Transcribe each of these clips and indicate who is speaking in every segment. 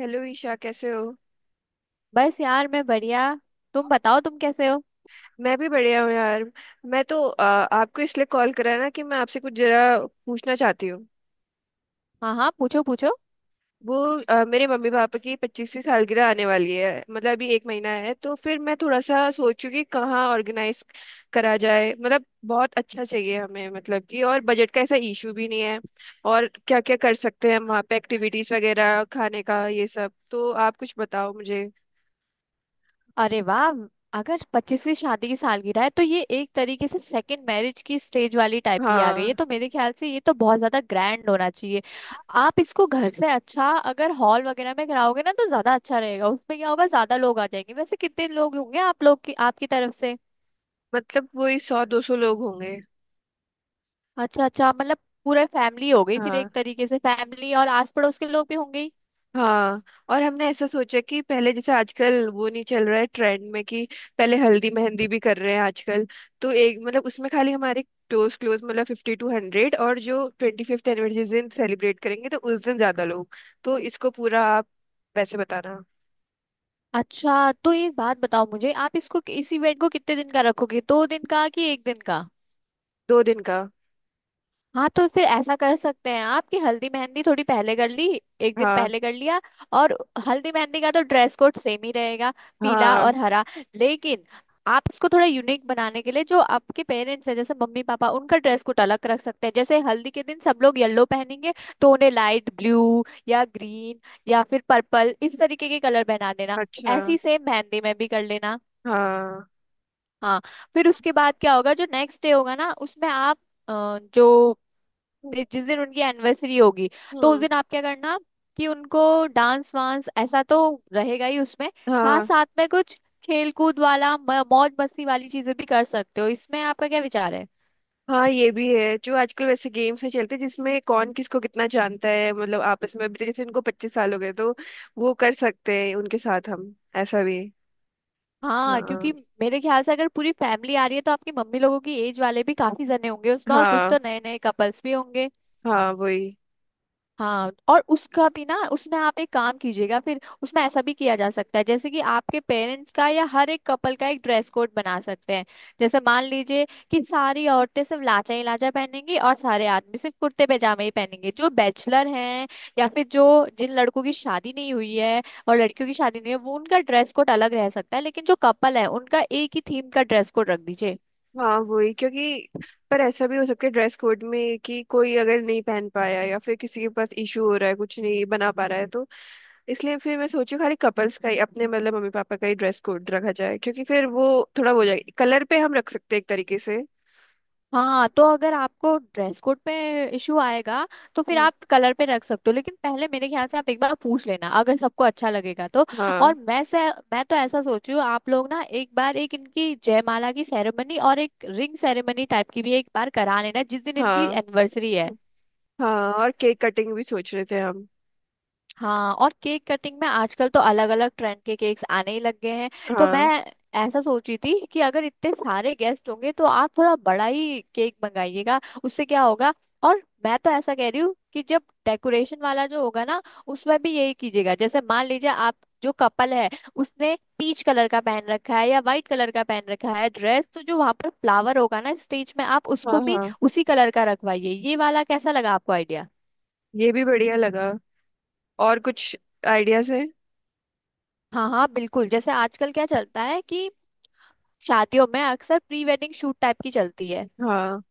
Speaker 1: Hello Isha, कैसे हो?
Speaker 2: बस यार मैं बढ़िया। तुम बताओ तुम कैसे हो।
Speaker 1: मैं भी बढ़िया हूँ यार। मैं तो आपको इसलिए कॉल करा है ना कि मैं आपसे कुछ जरा पूछना चाहती हूँ।
Speaker 2: हाँ हाँ, पूछो पूछो।
Speaker 1: वो मेरे मम्मी पापा की 25वीं सालगिरह आने वाली है, मतलब अभी एक महीना है। तो फिर मैं थोड़ा सा सोचूं कि कहाँ ऑर्गेनाइज करा जाए, मतलब बहुत अच्छा चाहिए हमें, मतलब कि और बजट का ऐसा इशू भी नहीं है। और क्या क्या कर सकते हैं हम, वहाँ पे एक्टिविटीज वगैरह, खाने का ये सब, तो आप कुछ बताओ मुझे।
Speaker 2: अरे वाह! अगर 25वीं शादी की सालगिरह है तो ये एक तरीके से सेकंड मैरिज की स्टेज वाली टाइप की आ गई है,
Speaker 1: हाँ।
Speaker 2: तो मेरे ख्याल से ये तो बहुत ज्यादा ग्रैंड होना चाहिए। आप इसको घर से अच्छा अगर हॉल वगैरह में कराओगे ना तो ज्यादा अच्छा रहेगा। उसमें क्या होगा, ज्यादा लोग आ जाएंगे। वैसे कितने लोग होंगे आप लोग की आपकी तरफ से?
Speaker 1: मतलब वही 100-200 लोग होंगे।
Speaker 2: अच्छा अच्छा, मतलब पूरा फैमिली हो गई फिर एक
Speaker 1: हाँ,
Speaker 2: तरीके से, फैमिली और आस पड़ोस के लोग भी होंगे ही।
Speaker 1: हाँ। और हमने ऐसा सोचा कि पहले जैसे आजकल वो नहीं चल रहा है ट्रेंड में कि पहले हल्दी मेहंदी भी कर रहे हैं आजकल। तो एक मतलब उसमें खाली हमारे क्लोज क्लोज, मतलब 50-100, और जो 25th एनिवर्सरी दिन सेलिब्रेट करेंगे तो उस दिन ज्यादा लोग। तो इसको पूरा आप वैसे बताना।
Speaker 2: अच्छा तो एक बात बताओ मुझे, आप इसको इस इवेंट को कितने दिन का रखोगे, 2 दिन का कि एक दिन का?
Speaker 1: 2 दिन का।
Speaker 2: हाँ तो फिर ऐसा कर सकते हैं आप कि हल्दी मेहंदी थोड़ी पहले कर ली, एक दिन
Speaker 1: हाँ।
Speaker 2: पहले कर लिया। और हल्दी मेहंदी का तो ड्रेस कोड सेम ही रहेगा, पीला
Speaker 1: हाँ।
Speaker 2: और हरा। लेकिन आप इसको थोड़ा यूनिक बनाने के लिए, जो आपके पेरेंट्स हैं जैसे मम्मी पापा, उनका ड्रेस कोड अलग रख सकते हैं। जैसे हल्दी के दिन सब लोग येलो पहनेंगे तो उन्हें लाइट ब्लू या ग्रीन या फिर पर्पल, इस तरीके के कलर पहना देना।
Speaker 1: अच्छा।
Speaker 2: ऐसी सेम मेहंदी में भी कर लेना।
Speaker 1: हाँ।
Speaker 2: हाँ, फिर उसके बाद क्या होगा जो नेक्स्ट डे होगा ना उसमें आप, जो जिस दिन उनकी एनिवर्सरी होगी, तो उस
Speaker 1: हम्म।
Speaker 2: दिन आप क्या करना कि उनको डांस वांस ऐसा तो रहेगा ही उसमें। साथ
Speaker 1: हाँ।
Speaker 2: साथ में कुछ खेल कूद वाला मौज मस्ती वाली चीजें भी कर सकते हो। इसमें आपका क्या विचार है?
Speaker 1: हाँ, ये भी है। जो आजकल वैसे गेम्स नहीं चलते जिसमें कौन किसको कितना जानता है, मतलब आपस में, अभी तो जैसे इनको 25 साल हो गए तो वो कर सकते हैं उनके साथ हम ऐसा भी।
Speaker 2: हाँ क्योंकि
Speaker 1: हाँ।
Speaker 2: मेरे ख्याल से अगर पूरी फैमिली आ रही है तो आपकी मम्मी लोगों की एज वाले भी काफी जने होंगे उसमें, और कुछ
Speaker 1: हाँ।
Speaker 2: तो नए नए कपल्स भी होंगे।
Speaker 1: हाँ वही।
Speaker 2: हाँ और उसका भी ना, उसमें आप एक काम कीजिएगा, फिर उसमें ऐसा भी किया जा सकता है जैसे कि आपके पेरेंट्स का या हर एक कपल का एक ड्रेस कोड बना सकते हैं। जैसे मान लीजिए कि सारी औरतें सिर्फ लाचा ही लाचा पहनेंगी और सारे आदमी सिर्फ कुर्ते पैजामे ही पहनेंगे। जो बैचलर हैं या फिर जो जिन लड़कों की शादी नहीं हुई है और लड़कियों की शादी नहीं है, वो उनका ड्रेस कोड अलग रह सकता है, लेकिन जो कपल है उनका एक ही थीम का ड्रेस कोड रख दीजिए।
Speaker 1: हाँ वही, क्योंकि पर ऐसा भी हो सकता है ड्रेस कोड में कि कोई अगर नहीं पहन पाया या फिर किसी के पास इशू हो रहा है, कुछ नहीं बना पा रहा है तो, इसलिए फिर मैं सोचू खाली कपल्स का ही, अपने मतलब मम्मी पापा का ही ड्रेस कोड रखा जाए, क्योंकि फिर वो थोड़ा वो हो जाएगा। कलर पे हम रख सकते हैं एक तरीके से।
Speaker 2: हाँ तो अगर आपको ड्रेस कोड पे इशू आएगा तो फिर
Speaker 1: हम्म।
Speaker 2: आप कलर पे रख सकते हो, लेकिन पहले मेरे ख्याल से आप एक बार पूछ लेना, अगर सबको अच्छा लगेगा तो।
Speaker 1: हाँ।
Speaker 2: और मैं तो ऐसा सोच रही हूँ, आप लोग ना एक बार एक इनकी जयमाला की सेरेमनी और एक रिंग सेरेमनी टाइप की भी एक बार करा लेना जिस दिन इनकी
Speaker 1: हाँ।
Speaker 2: एनिवर्सरी है।
Speaker 1: हाँ, और केक कटिंग भी सोच रहे थे हम।
Speaker 2: हाँ और केक कटिंग में आजकल तो अलग अलग ट्रेंड के केक्स आने ही लग गए हैं। तो मैं
Speaker 1: हाँ।
Speaker 2: ऐसा सोची थी कि अगर इतने सारे गेस्ट होंगे तो आप थोड़ा बड़ा ही केक मंगाइएगा, उससे क्या होगा। और मैं तो ऐसा कह रही हूँ कि जब डेकोरेशन वाला जो होगा ना उसमें भी यही कीजिएगा। जैसे मान लीजिए आप जो कपल है उसने पीच कलर का पहन रखा है या वाइट कलर का पहन रखा है ड्रेस, तो जो वहां पर फ्लावर होगा ना स्टेज में, आप
Speaker 1: हाँ।
Speaker 2: उसको भी
Speaker 1: हाँ,
Speaker 2: उसी कलर का रखवाइए। ये वाला कैसा लगा आपको आइडिया?
Speaker 1: ये भी बढ़िया लगा। और कुछ आइडियाज हैं?
Speaker 2: हाँ हाँ बिल्कुल। जैसे आजकल क्या चलता है कि शादियों में अक्सर प्री वेडिंग शूट टाइप की चलती है,
Speaker 1: हाँ।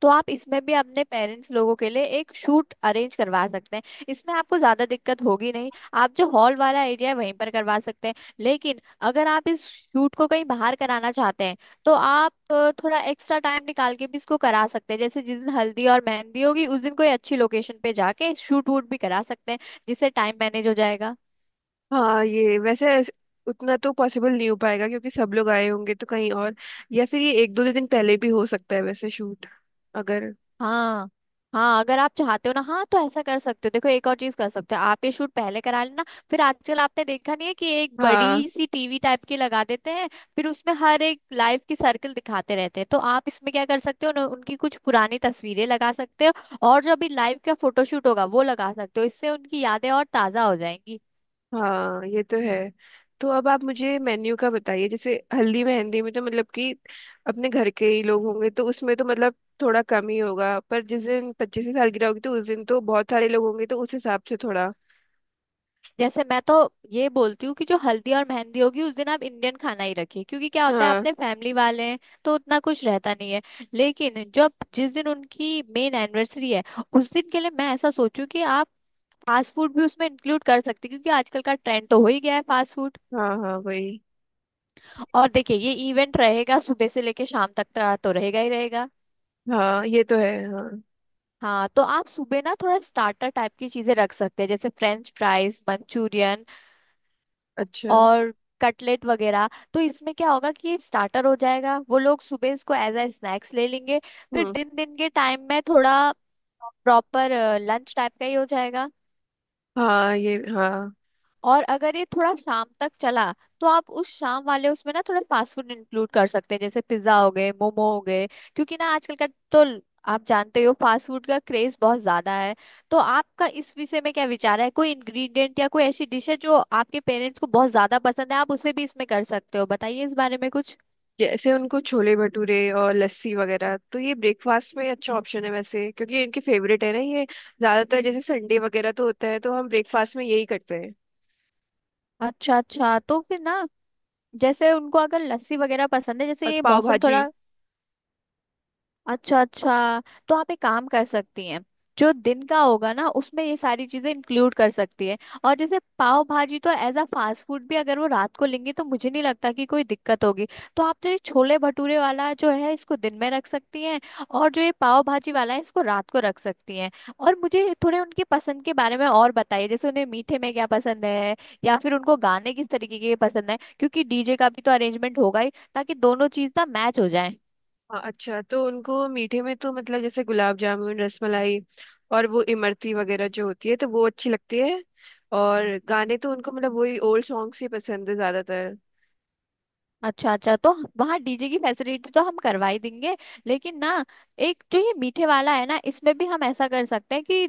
Speaker 2: तो आप इसमें भी अपने पेरेंट्स लोगों के लिए एक शूट अरेंज करवा सकते हैं। इसमें आपको ज्यादा दिक्कत होगी नहीं, आप जो हॉल वाला एरिया है वहीं पर करवा सकते हैं। लेकिन अगर आप इस शूट को कहीं बाहर कराना चाहते हैं तो आप थोड़ा एक्स्ट्रा टाइम निकाल के भी इसको करा सकते हैं, जैसे जिस दिन हल्दी और मेहंदी होगी उस दिन कोई अच्छी लोकेशन पे जाके शूट वूट भी करा सकते हैं, जिससे टाइम मैनेज हो जाएगा।
Speaker 1: हाँ ये वैसे उतना तो पॉसिबल नहीं हो पाएगा, क्योंकि सब लोग आए होंगे तो कहीं और, या फिर ये एक दो दिन पहले भी हो सकता है वैसे शूट, अगर।
Speaker 2: हाँ हाँ, अगर आप चाहते हो ना, हाँ तो ऐसा कर सकते हो। देखो, एक और चीज कर सकते हो आप, ये शूट पहले करा लेना। फिर आजकल आपने देखा नहीं है कि एक
Speaker 1: हाँ।
Speaker 2: बड़ी सी टीवी टाइप की लगा देते हैं, फिर उसमें हर एक लाइफ की सर्कल दिखाते रहते हैं। तो आप इसमें क्या कर सकते हो, उनकी कुछ पुरानी तस्वीरें लगा सकते हो और जो अभी लाइव का फोटोशूट होगा वो लगा सकते हो, इससे उनकी यादें और ताजा हो जाएंगी।
Speaker 1: हाँ ये तो है। तो अब आप मुझे मेन्यू का बताइए। जैसे हल्दी मेहंदी में तो मतलब कि अपने घर के ही लोग होंगे, तो उसमें तो मतलब थोड़ा कम ही होगा। पर जिस दिन 25वीं सालगिरह होगी तो उस दिन तो बहुत सारे लोग होंगे, तो उस हिसाब से थोड़ा।
Speaker 2: जैसे मैं तो ये बोलती हूँ कि जो हल्दी और मेहंदी होगी उस दिन आप इंडियन खाना ही रखिए, क्योंकि क्या होता है
Speaker 1: हाँ।
Speaker 2: अपने फैमिली वाले हैं तो उतना कुछ रहता नहीं है। लेकिन जब जिस दिन उनकी मेन एनिवर्सरी है उस दिन के लिए मैं ऐसा सोचूं कि आप फास्ट फूड भी उसमें इंक्लूड कर सकते हैं, क्योंकि आजकल का ट्रेंड तो हो ही गया है फास्ट फूड।
Speaker 1: हाँ। हाँ वही।
Speaker 2: और देखिए ये इवेंट रहेगा सुबह से लेके शाम तक का, तो रहेगा ही रहेगा।
Speaker 1: हाँ ये तो है हाँ।
Speaker 2: हाँ तो आप सुबह ना थोड़ा स्टार्टर टाइप की चीजें रख सकते हैं, जैसे फ्रेंच फ्राइज, मंचूरियन
Speaker 1: अच्छा।
Speaker 2: और कटलेट वगैरह। तो इसमें क्या होगा कि ये स्टार्टर हो जाएगा, वो लोग सुबह इसको एज अ स्नैक्स ले लेंगे। फिर
Speaker 1: हम्म।
Speaker 2: दिन दिन के टाइम में थोड़ा प्रॉपर लंच टाइप का ही हो जाएगा।
Speaker 1: हाँ ये हाँ।
Speaker 2: और अगर ये थोड़ा शाम तक चला तो आप उस शाम वाले उसमें ना थोड़ा फास्ट फूड इंक्लूड कर सकते हैं, जैसे पिज्जा हो गए, मोमो हो गए। क्योंकि ना आजकल का तो ल- आप जानते हो फास्ट फूड का क्रेज बहुत ज्यादा है। तो आपका इस विषय में क्या विचार है? कोई इंग्रेडिएंट या कोई ऐसी डिश है जो आपके पेरेंट्स को बहुत ज्यादा पसंद है, आप उसे भी इसमें कर सकते हो। बताइए इस बारे में कुछ।
Speaker 1: जैसे उनको छोले भटूरे और लस्सी वगैरह, तो ये ब्रेकफास्ट में अच्छा ऑप्शन है वैसे, क्योंकि इनके फेवरेट है ना ये। ज्यादातर जैसे संडे वगैरह तो होता है तो हम ब्रेकफास्ट में यही करते हैं।
Speaker 2: अच्छा अच्छा तो फिर ना, जैसे उनको अगर लस्सी वगैरह पसंद है,
Speaker 1: और
Speaker 2: जैसे ये
Speaker 1: पाव
Speaker 2: मौसम थोड़ा।
Speaker 1: भाजी।
Speaker 2: अच्छा अच्छा, तो आप एक काम कर सकती हैं, जो दिन का होगा ना उसमें ये सारी चीजें इंक्लूड कर सकती है। और जैसे पाव भाजी तो एज अ फास्ट फूड भी अगर वो रात को लेंगे तो मुझे नहीं लगता कि कोई दिक्कत होगी। तो आप तो ये छोले भटूरे वाला जो है इसको दिन में रख सकती हैं, और जो ये पाव भाजी वाला है इसको रात को रख सकती हैं। और मुझे थोड़े उनकी पसंद के बारे में और बताइए, जैसे उन्हें मीठे में क्या पसंद है या फिर उनको गाने किस तरीके के पसंद है, क्योंकि डीजे का भी तो अरेंजमेंट होगा ही, ताकि दोनों चीज ना मैच हो जाए।
Speaker 1: हाँ। अच्छा, तो उनको मीठे में तो मतलब जैसे गुलाब जामुन, रसमलाई, और वो इमरती वगैरह जो होती है तो वो अच्छी लगती है। और गाने तो उनको मतलब वही ओल्ड सॉन्ग्स ही पसंद है ज्यादातर।
Speaker 2: अच्छा अच्छा, तो वहाँ डीजे की फैसिलिटी तो हम करवा ही देंगे। लेकिन ना, एक जो ये मीठे वाला है ना इसमें भी हम ऐसा कर सकते हैं कि,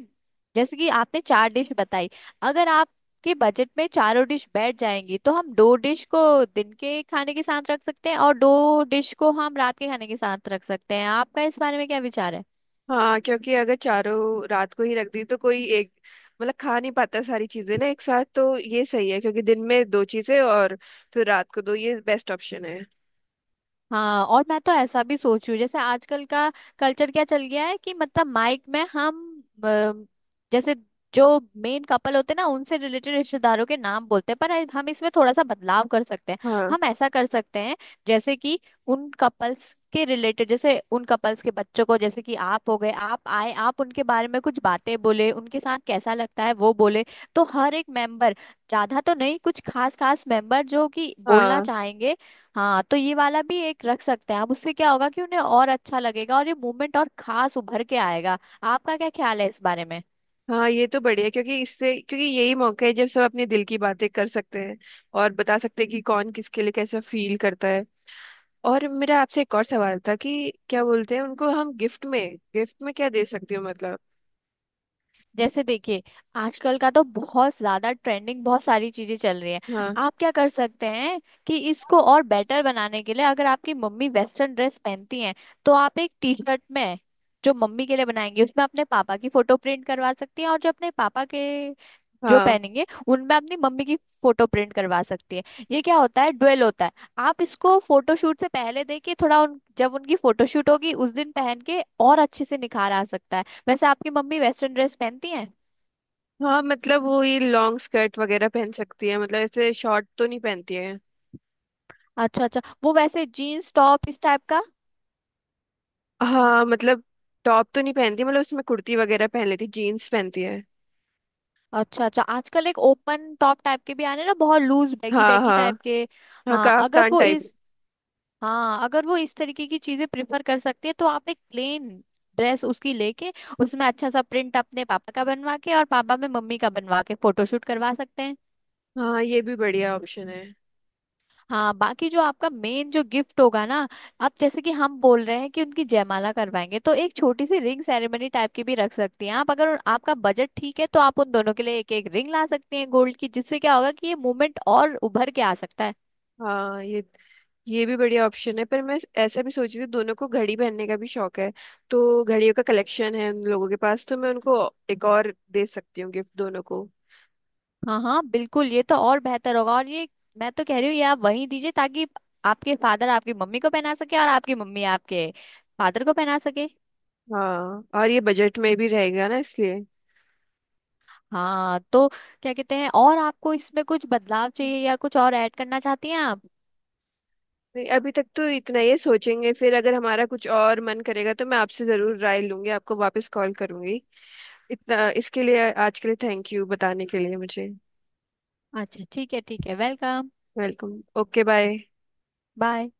Speaker 2: जैसे कि आपने चार डिश बताई, अगर आपके बजट में चारों डिश बैठ जाएंगी तो हम दो डिश को दिन के खाने के साथ रख सकते हैं और दो डिश को हम रात के खाने के साथ रख सकते हैं। आपका इस बारे में क्या विचार है?
Speaker 1: हाँ, क्योंकि अगर चारों रात को ही रख दी तो कोई एक मतलब खा नहीं पाता सारी चीजें ना एक साथ। तो ये सही है, क्योंकि दिन में दो चीजें और फिर रात को दो, ये बेस्ट ऑप्शन है।
Speaker 2: हाँ और मैं तो ऐसा भी सोच रही हूँ, जैसे आजकल का कल्चर क्या चल गया है कि मतलब माइक में हम, अ, जैसे जो मेन कपल होते हैं ना उनसे रिलेटेड रिश्तेदारों के नाम बोलते हैं, पर हम इसमें थोड़ा सा बदलाव कर सकते हैं।
Speaker 1: हाँ।
Speaker 2: हम ऐसा कर सकते हैं, जैसे कि उन कपल्स के रिलेटेड, जैसे उन कपल्स के बच्चों को, जैसे कि आप हो गए, आप आए आप उनके बारे में कुछ बातें बोले, उनके साथ कैसा लगता है वो बोले। तो हर एक मेंबर, ज्यादा तो नहीं, कुछ खास खास मेंबर जो कि बोलना
Speaker 1: हाँ।
Speaker 2: चाहेंगे। हाँ तो ये वाला भी एक रख सकते हैं आप, उससे क्या होगा कि उन्हें और अच्छा लगेगा और ये मूवमेंट और खास उभर के आएगा। आपका क्या ख्याल है इस बारे में?
Speaker 1: हाँ ये तो बढ़िया, क्योंकि इससे, क्योंकि यही मौका है जब सब अपने दिल की बातें कर सकते हैं और बता सकते हैं कि कौन किसके लिए कैसा फील करता है। और मेरा आपसे एक और सवाल था कि क्या बोलते हैं उनको हम गिफ्ट में, गिफ्ट में क्या दे सकती हो मतलब।
Speaker 2: जैसे देखिए आजकल का तो बहुत ज्यादा ट्रेंडिंग बहुत सारी चीजें चल रही हैं।
Speaker 1: हाँ।
Speaker 2: आप क्या कर सकते हैं कि इसको और बेटर बनाने के लिए, अगर आपकी मम्मी वेस्टर्न ड्रेस पहनती हैं तो आप एक टी शर्ट में जो मम्मी के लिए बनाएंगे उसमें अपने पापा की फोटो प्रिंट करवा सकती हैं, और जो अपने पापा के जो
Speaker 1: हाँ।
Speaker 2: पहनेंगे उनमें अपनी मम्मी की फोटो प्रिंट करवा सकती है। ये क्या होता है, ड्वेल होता है। आप इसको फोटोशूट से पहले देखिए, थोड़ा जब उनकी फोटोशूट होगी उस दिन पहन के और अच्छे से निखार आ सकता है। वैसे आपकी मम्मी वेस्टर्न ड्रेस पहनती हैं?
Speaker 1: हाँ मतलब वो ये लॉन्ग स्कर्ट वगैरह पहन सकती है, मतलब ऐसे शॉर्ट तो नहीं पहनती है।
Speaker 2: अच्छा अच्छा, वो वैसे जीन्स टॉप इस टाइप का?
Speaker 1: हाँ मतलब टॉप तो नहीं पहनती, मतलब उसमें कुर्ती वगैरह पहन लेती, जीन्स पहनती है।
Speaker 2: अच्छा अच्छा, आजकल एक ओपन टॉप टाइप के भी आने ना, बहुत लूज बैगी
Speaker 1: हाँ।
Speaker 2: बैगी
Speaker 1: हाँ।
Speaker 2: टाइप के।
Speaker 1: हाँ
Speaker 2: हाँ अगर
Speaker 1: काफ्तान
Speaker 2: वो
Speaker 1: टाइप।
Speaker 2: इस हाँ अगर वो इस तरीके की चीजें प्रिफर कर सकती है तो आप एक प्लेन ड्रेस उसकी लेके, उसमें अच्छा सा प्रिंट अपने पापा का बनवा के और पापा में मम्मी का बनवा के फोटोशूट करवा सकते हैं।
Speaker 1: हाँ ये भी बढ़िया ऑप्शन है।
Speaker 2: हाँ बाकी जो आपका मेन जो गिफ्ट होगा ना, अब जैसे कि हम बोल रहे हैं कि उनकी जयमाला करवाएंगे तो एक छोटी सी रिंग सेरेमनी टाइप की भी रख सकती हैं आप। अगर आपका बजट ठीक है तो आप उन दोनों के लिए एक एक रिंग ला सकती हैं गोल्ड की, जिससे क्या होगा कि ये मूवमेंट और उभर के आ सकता है।
Speaker 1: हाँ ये भी बढ़िया ऑप्शन है, पर मैं ऐसा भी सोच रही थी दोनों को घड़ी पहनने का भी शौक है, तो घड़ियों का कलेक्शन है उन लोगों के पास, तो मैं उनको एक और दे सकती हूँ गिफ्ट दोनों को।
Speaker 2: हाँ हाँ बिल्कुल, ये तो और बेहतर होगा। और ये मैं तो कह रही हूँ ये आप वहीं दीजिए, ताकि आपके फादर आपकी मम्मी को पहना सके और आपकी मम्मी आपके फादर को पहना सके।
Speaker 1: हाँ, और ये बजट में भी रहेगा ना इसलिए।
Speaker 2: हाँ तो क्या कहते हैं, और आपको इसमें कुछ बदलाव चाहिए या कुछ और ऐड करना चाहती हैं आप?
Speaker 1: नहीं, अभी तक तो इतना ही है, सोचेंगे फिर, अगर हमारा कुछ और मन करेगा तो मैं आपसे जरूर राय लूंगी, आपको वापस कॉल करूंगी। इतना इसके लिए, आज के लिए थैंक यू बताने के लिए मुझे।
Speaker 2: अच्छा ठीक है ठीक है, welcome.
Speaker 1: Welcome, okay bye.
Speaker 2: Bye.